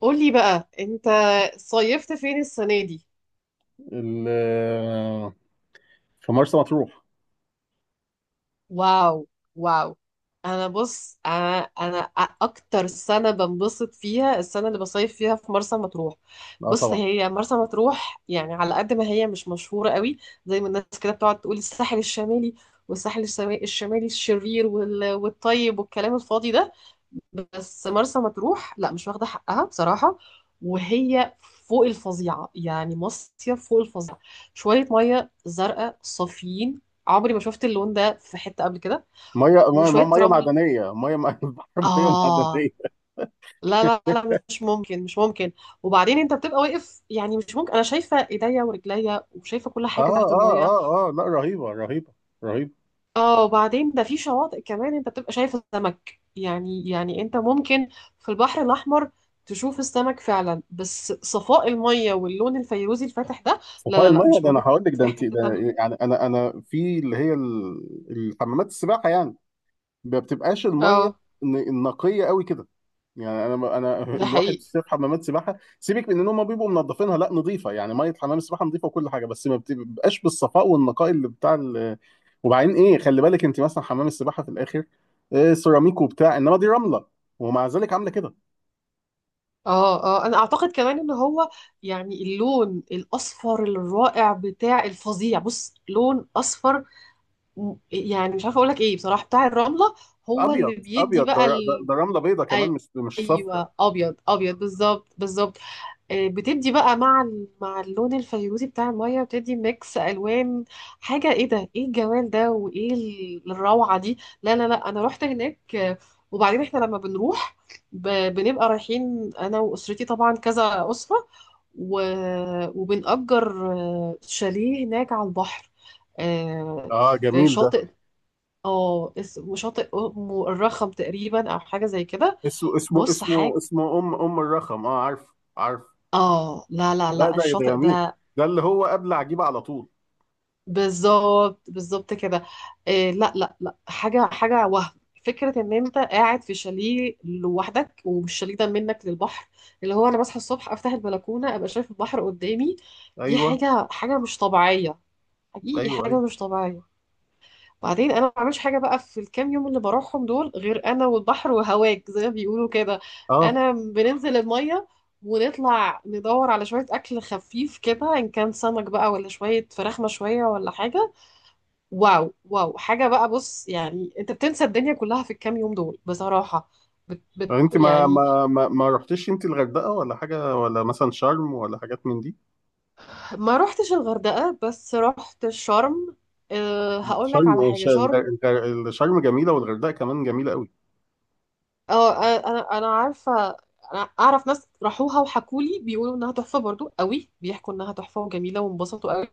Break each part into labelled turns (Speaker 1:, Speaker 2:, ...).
Speaker 1: قولي بقى انت صيفت فين السنة دي؟
Speaker 2: ال- في مرسى مطروح.
Speaker 1: واو واو. انا بص، انا اكتر سنه بنبسط فيها السنه اللي بصيف فيها في مرسى مطروح.
Speaker 2: لا
Speaker 1: بص،
Speaker 2: طبعا.
Speaker 1: هي مرسى مطروح يعني على قد ما هي مش مشهوره قوي زي ما الناس كده بتقعد تقول الساحل الشمالي، والساحل الشمالي الشرير والطيب والكلام الفاضي ده. بس مرسى مطروح لا، مش واخده حقها بصراحه، وهي فوق الفظيعه، يعني مصيف فوق الفظيعه. شويه ميه زرقاء صافيين، عمري ما شفت اللون ده في حتة قبل كده.
Speaker 2: ميه ميه
Speaker 1: وشوية
Speaker 2: ميه
Speaker 1: رمل.
Speaker 2: معدنيه، البحر ميه
Speaker 1: آه،
Speaker 2: معدنيه.
Speaker 1: لا لا لا، مش ممكن، مش ممكن. وبعدين انت بتبقى واقف، يعني مش ممكن انا شايفة ايديا ورجليا وشايفة كل
Speaker 2: اه
Speaker 1: حاجة تحت
Speaker 2: اه
Speaker 1: المية.
Speaker 2: اه اه، لا رهيبه رهيبه رهيبه.
Speaker 1: اه، وبعدين ده في شواطئ كمان انت بتبقى شايف السمك يعني انت ممكن في البحر الأحمر تشوف السمك فعلا، بس صفاء المية واللون الفيروزي الفاتح ده لا
Speaker 2: صفاء
Speaker 1: لا لا،
Speaker 2: الميه
Speaker 1: مش
Speaker 2: ده، انا
Speaker 1: موجود
Speaker 2: هقول لك
Speaker 1: في
Speaker 2: ده،
Speaker 1: اي
Speaker 2: انت
Speaker 1: حتة
Speaker 2: ده
Speaker 1: تانية.
Speaker 2: يعني انا في اللي هي الحمامات السباحه يعني، ما بتبقاش الميه
Speaker 1: اه،
Speaker 2: النقيه قوي كده. يعني انا
Speaker 1: ده
Speaker 2: الواحد
Speaker 1: حقيقي.
Speaker 2: في حمامات سباحه، سيبك من ان هم بيبقوا منظفينها، لا نظيفه، يعني ميه حمام السباحه نظيفه وكل حاجه، بس ما بتبقاش بالصفاء والنقاء اللي بتاع. وبعدين ايه، خلي بالك انت مثلا حمام السباحه في الاخر إيه سيراميك وبتاع، انما دي رمله ومع ذلك عامله كده.
Speaker 1: اه اه، انا اعتقد كمان ان هو يعني اللون الاصفر الرائع بتاع الفظيع، بص، لون اصفر، يعني مش عارفه اقول لك ايه بصراحه، بتاع الرمله هو
Speaker 2: ابيض
Speaker 1: اللي بيدي
Speaker 2: ابيض،
Speaker 1: بقى ال...
Speaker 2: ده رمله بيضه كمان،
Speaker 1: أي-
Speaker 2: مش صفرا.
Speaker 1: ايوه، ابيض ابيض بالظبط بالظبط. بتدي بقى مع اللون الفيروزي بتاع المية، بتدي ميكس ألوان. حاجة ايه ده، ايه الجمال ده وايه الروعة دي؟ لا لا لا، انا رحت هناك. وبعدين احنا لما بنروح، بنبقى رايحين انا واسرتي طبعا كذا أسرة، وبنأجر شاليه هناك على البحر. آه،
Speaker 2: اه
Speaker 1: في
Speaker 2: جميل ده.
Speaker 1: شاطئ اه اسمه شاطئ ام الرخم تقريبا او حاجة زي كده.
Speaker 2: اسمه اسمه
Speaker 1: بص،
Speaker 2: اسمه
Speaker 1: حاجة
Speaker 2: اسمه ام الرخم، اه عارف عارف.
Speaker 1: اه، لا لا
Speaker 2: لا
Speaker 1: لا،
Speaker 2: ده
Speaker 1: الشاطئ
Speaker 2: جميل،
Speaker 1: ده
Speaker 2: ده اللي هو قبل عجيبه على طول.
Speaker 1: بالظبط بالظبط كده. إيه، لا لا لا، حاجه حاجه وهم. فكره ان انت قاعد في شاليه لوحدك والشاليه ده منك للبحر، اللي هو انا بصحى الصبح افتح البلكونه ابقى شايف البحر قدامي. دي
Speaker 2: ايوه
Speaker 1: حاجه حاجه مش طبيعيه، حقيقي
Speaker 2: ايوه
Speaker 1: حاجه
Speaker 2: ايوه
Speaker 1: مش طبيعيه. بعدين انا ما بعملش حاجه بقى في الكام يوم اللي بروحهم دول غير انا والبحر وهواك زي ما بيقولوا كده.
Speaker 2: اه.
Speaker 1: انا بننزل الميه ونطلع ندور على شويه اكل خفيف كده، ان كان سمك بقى ولا شويه فراخ مشويه ولا حاجه. واو واو، حاجة بقى، بص، يعني انت بتنسى الدنيا كلها في الكام يوم دول بصراحة. بت
Speaker 2: انت ما
Speaker 1: يعني.
Speaker 2: ما ما, ما رحتيش انت الغردقه ولا حاجه، ولا مثلا شرم ولا حاجات من دي؟
Speaker 1: ما روحتش الغردقة بس رحت شرم. أه، هقول لك على
Speaker 2: شرم،
Speaker 1: حاجة. شرم،
Speaker 2: شرم جميله، والغردقه كمان جميله قوي.
Speaker 1: اه، آه، انا عارفة، انا اعرف ناس راحوها وحكولي، بيقولوا انها تحفة برضو، قوي بيحكوا انها تحفة وجميلة وانبسطوا قوي.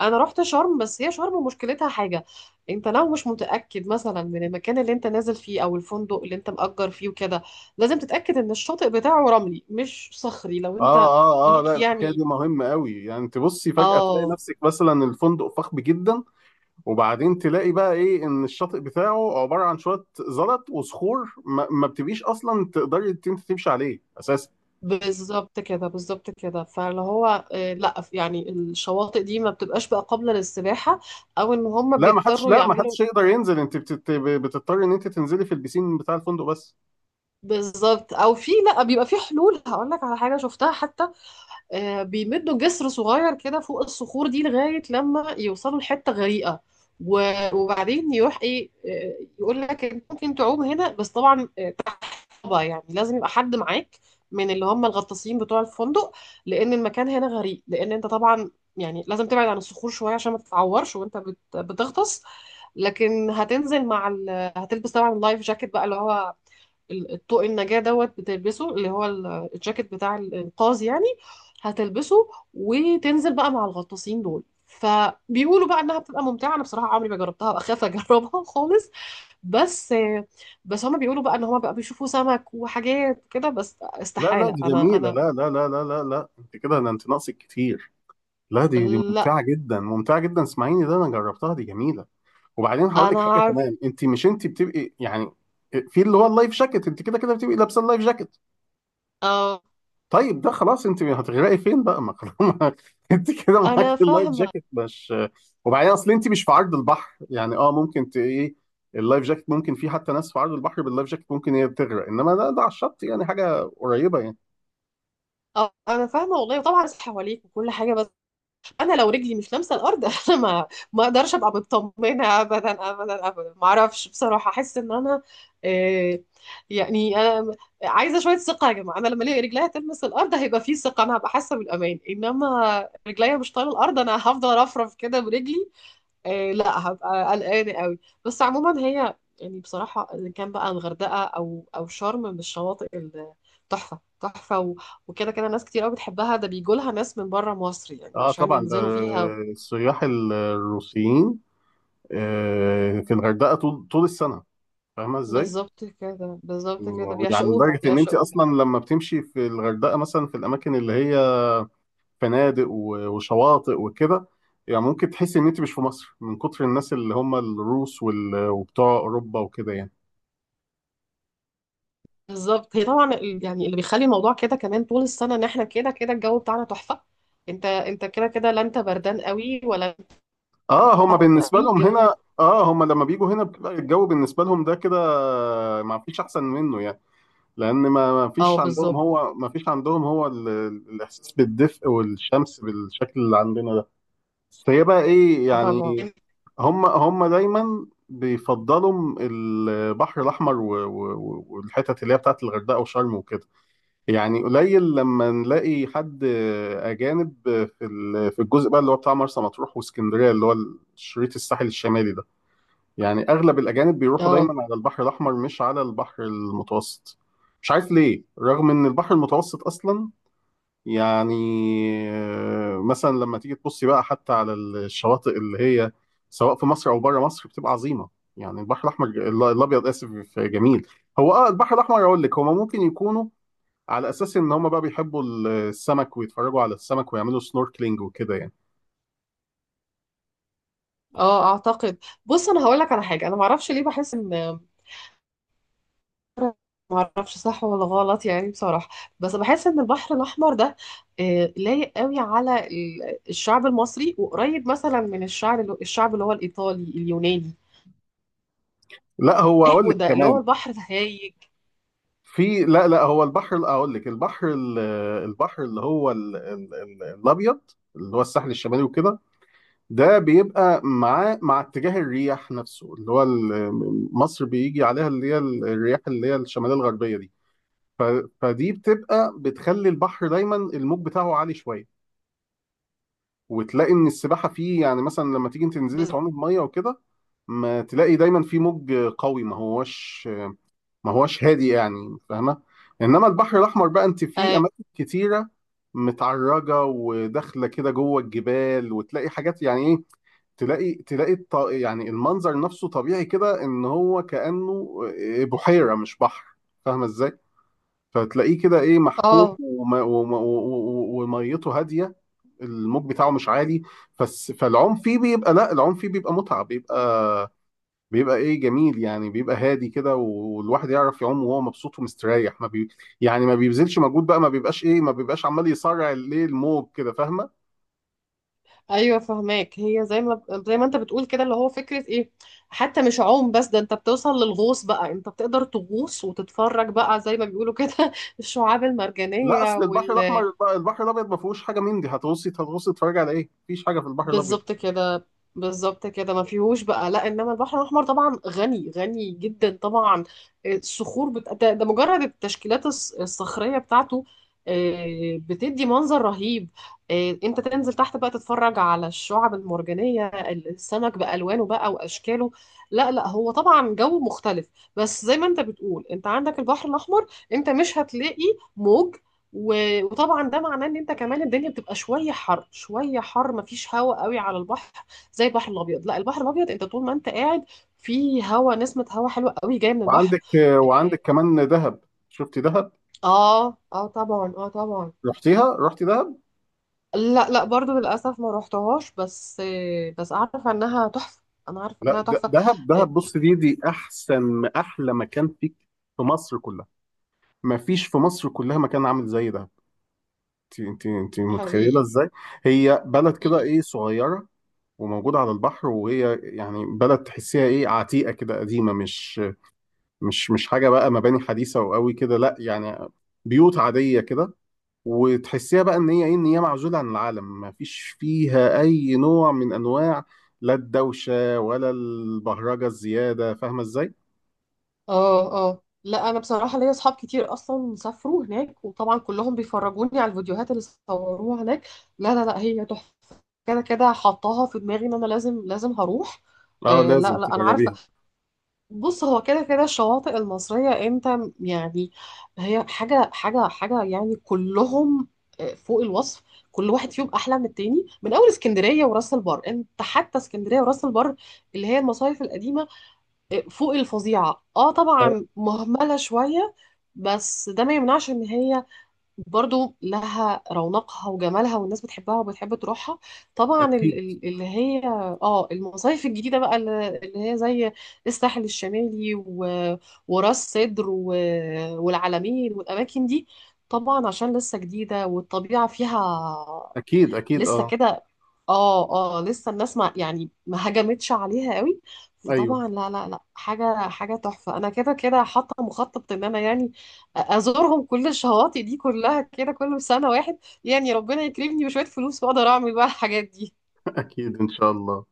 Speaker 1: انا رحت شرم، بس هي شرم مشكلتها حاجه. انت لو مش متاكد مثلا من المكان اللي انت نازل فيه او الفندق اللي انت مأجر فيه وكده، لازم تتاكد ان الشاطئ بتاعه رملي مش صخري، لو
Speaker 2: اه
Speaker 1: انت
Speaker 2: اه اه لا،
Speaker 1: ليك
Speaker 2: الحكايه
Speaker 1: يعني.
Speaker 2: دي مهمه قوي، يعني انت بصي فجاه تلاقي
Speaker 1: اه،
Speaker 2: نفسك مثلا الفندق فخم جدا، وبعدين تلاقي بقى ايه ان الشاطئ بتاعه عباره عن شويه زلط وصخور، ما بتبقيش اصلا تقدري إنت تمشي عليه اساسا.
Speaker 1: بالظبط كده، بالظبط كده. فاللي هو لا يعني الشواطئ دي ما بتبقاش بقى قابله للسباحه، او ان هم
Speaker 2: لا ما حدش،
Speaker 1: بيضطروا
Speaker 2: لا ما
Speaker 1: يعملوا.
Speaker 2: حدش يقدر ينزل، انت بتضطري ان انت تنزلي في البسين بتاع الفندق بس.
Speaker 1: بالظبط. او في، لا، بيبقى في حلول، هقول لك على حاجه شفتها حتى. بيمدوا جسر صغير كده فوق الصخور دي لغاية لما يوصلوا لحتة غريقة، وبعدين يروح ايه، يقول لك انت ممكن تعوم هنا، بس طبعا طبعا يعني لازم يبقى حد معاك من اللي هم الغطاسين بتوع الفندق، لان المكان هنا غريق، لان انت طبعا يعني لازم تبعد عن الصخور شويه عشان ما تتعورش وانت بتغطس. لكن هتنزل مع ال... هتلبس طبعا اللايف جاكيت بقى، اللي هو الطوق النجاة دوت بتلبسه، اللي هو الجاكيت بتاع الإنقاذ يعني. هتلبسه وتنزل بقى مع الغطاسين دول، فبيقولوا بقى انها بتبقى ممتعه. انا بصراحه عمري ما جربتها، بخاف اجربها خالص. بس بس هما بيقولوا بقى ان هما بقى بيشوفوا سمك وحاجات كده، بس
Speaker 2: لا لا
Speaker 1: استحاله،
Speaker 2: دي
Speaker 1: انا
Speaker 2: جميلة،
Speaker 1: انا
Speaker 2: لا لا لا لا لا لا، انت كده، ده انت ناقصك كتير. لا دي
Speaker 1: لا.
Speaker 2: ممتعة جدا ممتعة جدا، اسمعيني ده انا جربتها، دي جميلة. وبعدين هقول لك
Speaker 1: انا
Speaker 2: حاجة
Speaker 1: عارف.
Speaker 2: كمان، انت مش انت بتبقي يعني في اللي هو اللايف جاكيت، انت كده كده بتبقي لابسة اللايف جاكيت،
Speaker 1: اه،
Speaker 2: طيب ده خلاص، انت هتغرقي فين بقى؟ ما خلاص انت كده معاك
Speaker 1: انا
Speaker 2: اللايف
Speaker 1: فاهمه.
Speaker 2: جاكيت، مش؟ وبعدين اصل انت مش في عرض البحر يعني، اه ممكن ايه، اللايف جاكيت ممكن، في حتى ناس في عرض البحر باللايف جاكيت ممكن هي تغرق، انما ده ده على الشط يعني حاجة قريبة يعني.
Speaker 1: اه، انا فاهمه والله، طبعا حواليك وكل حاجه، بس انا لو رجلي مش لامسه الارض انا ما اقدرش ابقى مطمنه ابدا ابدا ابدا، ما اعرفش بصراحه، احس ان انا، آه، يعني انا عايزه شويه ثقه يا جماعه، انا لما الاقي رجليا تلمس الارض هيبقى في ثقه، انا هبقى حاسه بالامان، انما رجليا مش طايله الارض انا هفضل ارفرف كده برجلي. لا، هبقى قلقانة قوي. بس عموما هي يعني بصراحة إن كان بقى الغردقة أو أو شرم من الشواطئ تحفة تحفة وكده كده ناس كتير قوي بتحبها، ده بيجولها ناس من بره مصر يعني
Speaker 2: اه
Speaker 1: عشان
Speaker 2: طبعا، ده
Speaker 1: ينزلوا فيها.
Speaker 2: السياح الروسيين، آه، في الغردقه طول طول السنه، فاهمه ازاي؟
Speaker 1: بالظبط كده بالظبط كده،
Speaker 2: يعني
Speaker 1: بيعشقوها
Speaker 2: لدرجه ان انت
Speaker 1: بيعشقوها.
Speaker 2: اصلا لما بتمشي في الغردقه مثلا في الاماكن اللي هي فنادق وشواطئ وكده، يعني ممكن تحسي ان انت مش في مصر من كتر الناس اللي هم الروس وبتوع اوروبا وكده يعني.
Speaker 1: بالظبط، هي طبعا يعني اللي بيخلي الموضوع كده كمان طول السنة إن إحنا كده كده الجو بتاعنا تحفة. أنت أنت كده كده، لا أنت بردان قوي ولا أنت
Speaker 2: اه هم
Speaker 1: حر
Speaker 2: بالنسبه
Speaker 1: قوي
Speaker 2: لهم
Speaker 1: الجو.
Speaker 2: هنا، اه هم لما بيجوا هنا بتبقى الجو بالنسبه لهم ده كده ما فيش احسن منه يعني، لان ما
Speaker 1: أه،
Speaker 2: فيش عندهم،
Speaker 1: بالظبط،
Speaker 2: هو ما فيش عندهم هو الاحساس بالدفء والشمس بالشكل اللي عندنا ده. بس هي بقى ايه
Speaker 1: طبعا.
Speaker 2: يعني، هم دايما بيفضلوا البحر الاحمر والحتت اللي هي بتاعت الغردقه وشرم وكده. يعني قليل لما نلاقي حد اجانب في في الجزء بقى اللي هو بتاع مرسى مطروح واسكندريه، اللي هو الشريط الساحل الشمالي ده، يعني اغلب الاجانب بيروحوا
Speaker 1: أه،
Speaker 2: دايما على البحر الاحمر، مش على البحر المتوسط. مش عارف ليه، رغم ان البحر المتوسط اصلا يعني، آه، مثلا لما تيجي تبصي بقى حتى على الشواطئ اللي هي سواء في مصر او بره مصر بتبقى عظيمه. يعني البحر الاحمر، الابيض اسف، جميل. هو اه البحر الاحمر اقول لك، هما ممكن يكونوا على اساس ان هما بقى بيحبوا السمك ويتفرجوا على السمك ويعملوا سنوركلينج وكده يعني.
Speaker 1: اه اعتقد. بص، انا هقول لك على حاجه، انا ما اعرفش ليه بحس ان، ما اعرفش صح ولا غلط يعني بصراحه، بس بحس ان البحر الاحمر ده لايق قوي على الشعب المصري، وقريب مثلا من الشعب الشعب اللي هو الايطالي اليوناني.
Speaker 2: لا هو
Speaker 1: ايه،
Speaker 2: اقول
Speaker 1: هو
Speaker 2: لك
Speaker 1: ده اللي هو
Speaker 2: كمان
Speaker 1: البحر الهايج.
Speaker 2: في، لا لا هو البحر اقول لك، البحر البحر اللي هو الابيض، اللي هو الساحل الشمالي وكده، ده بيبقى مع مع اتجاه الرياح نفسه اللي هو مصر بيجي عليها، اللي هي الرياح اللي هي الشماليه الغربيه دي، ف- فدي بتبقى بتخلي البحر دايما الموج بتاعه عالي شويه، وتلاقي ان السباحه فيه يعني مثلا لما تيجي تنزلي
Speaker 1: بس-
Speaker 2: تعومي بميه وكده، ما تلاقي دايما في موج قوي، ما هوش ما هوش هادي يعني، فاهمه؟ انما البحر الاحمر بقى، انت فيه
Speaker 1: اه.
Speaker 2: اماكن كتيره متعرجه وداخله كده جوه الجبال، وتلاقي حاجات يعني ايه، تلاقي يعني المنظر نفسه طبيعي كده، ان هو كانه آه، بحيره مش بحر، فاهمه ازاي؟ فتلاقيه كده ايه محكوم،
Speaker 1: آه.
Speaker 2: وميته هاديه، الموج بتاعه مش عالي، بس فالعوم فيه بيبقى، لا العوم فيه بيبقى متعه، بيبقى بيبقى ايه جميل يعني، بيبقى هادي كده والواحد يعرف يعوم وهو مبسوط ومستريح، ما بي يعني ما بيبذلش مجهود بقى، ما بيبقاش ايه، ما بيبقاش عمال يصارع الايه الموج كده، فاهمه؟
Speaker 1: ايوه، فهماك. هي زي ما زي ما انت بتقول كده، اللي هو فكره ايه، حتى مش عوم بس، ده انت بتوصل للغوص بقى، انت بتقدر تغوص وتتفرج بقى زي ما بيقولوا كده الشعاب
Speaker 2: لا
Speaker 1: المرجانيه.
Speaker 2: اصل البحر الاحمر، البحر الابيض ما فيهوش حاجه من دي، هتغوصي هتغوصي تتفرجي على ايه، مفيش حاجه في البحر الابيض.
Speaker 1: بالظبط كده، بالظبط كده ما فيهوش بقى لا، انما البحر الاحمر طبعا غني غني جدا طبعا. الصخور بت... ده مجرد التشكيلات الصخريه بتاعته بتدي منظر رهيب. انت تنزل تحت بقى تتفرج على الشعب المرجانيه، السمك بالوانه بقى واشكاله. لا لا، هو طبعا جو مختلف. بس زي ما انت بتقول، انت عندك البحر الاحمر، انت مش هتلاقي موج، وطبعا ده معناه ان انت كمان الدنيا بتبقى شويه حر، شويه حر مفيش هواء قوي على البحر زي البحر الابيض. لا، البحر الابيض انت طول ما انت قاعد في هواء نسمه هواء حلوه قوي جايه من البحر.
Speaker 2: وعندك، كمان دهب، شفتي دهب؟
Speaker 1: اه اه، آه، طبعا، اه طبعا.
Speaker 2: رحتيها؟ رحتي دهب؟
Speaker 1: لا لا، برضو للاسف ما روحتهاش، بس بس عارفه انها تحفه، انا عارفه
Speaker 2: لا
Speaker 1: انها تحفه.
Speaker 2: دهب دهب،
Speaker 1: آه،
Speaker 2: بص دي احسن، احلى مكان فيك في مصر كلها، ما فيش في مصر كلها مكان عامل زي ده. انت متخيله
Speaker 1: حقيقي،
Speaker 2: ازاي، هي بلد كده
Speaker 1: حقيقي.
Speaker 2: ايه صغيره وموجوده على البحر، وهي يعني بلد تحسيها ايه عتيقه كده قديمه، مش مش حاجه بقى، مباني حديثه وقوي كده لا يعني، بيوت عاديه كده، وتحسيها بقى ان هي ايه، ان هي معزوله عن العالم، ما فيش فيها اي نوع من انواع لا الدوشه ولا البهرجه الزياده، فاهمه ازاي؟
Speaker 1: اه اه، لا انا بصراحه ليا اصحاب كتير اصلا سافروا هناك، وطبعا كلهم بيفرجوني على الفيديوهات اللي صوروها هناك. لا لا لا، هي تحفه كده كده، حطاها في دماغي ان انا لازم لازم هروح.
Speaker 2: اه
Speaker 1: آه، لا
Speaker 2: لازم
Speaker 1: لا، انا عارفه.
Speaker 2: تجربيها.
Speaker 1: بص، هو كده كده الشواطئ المصريه، انت يعني هي حاجه حاجه حاجه يعني، كلهم فوق الوصف، كل واحد فيهم احلى من التاني. من اول اسكندريه وراس البر، انت حتى اسكندريه وراس البر اللي هي المصايف القديمه، فوق الفظيعة. اه
Speaker 2: اه
Speaker 1: طبعا مهملة شوية، بس ده ما يمنعش ان هي برضو لها رونقها وجمالها، والناس بتحبها وبتحب تروحها. طبعا
Speaker 2: اكيد
Speaker 1: اللي هي، اه، المصايف الجديدة بقى اللي هي زي الساحل الشمالي وراس سدر والعلمين والاماكن دي، طبعا عشان لسه جديدة والطبيعة فيها
Speaker 2: اكيد اكيد
Speaker 1: لسه
Speaker 2: اه
Speaker 1: كده، اه اه، لسه الناس ما يعني ما هجمتش عليها قوي.
Speaker 2: ايوه
Speaker 1: فطبعا لا لا لا، حاجة حاجة تحفة. انا كده كده حاطة مخطط ان انا يعني ازورهم، كل الشواطئ دي كلها كده، كل سنة واحد يعني، ربنا يكرمني بشوية فلوس واقدر اعمل بقى الحاجات دي.
Speaker 2: اكيد ان شاء الله.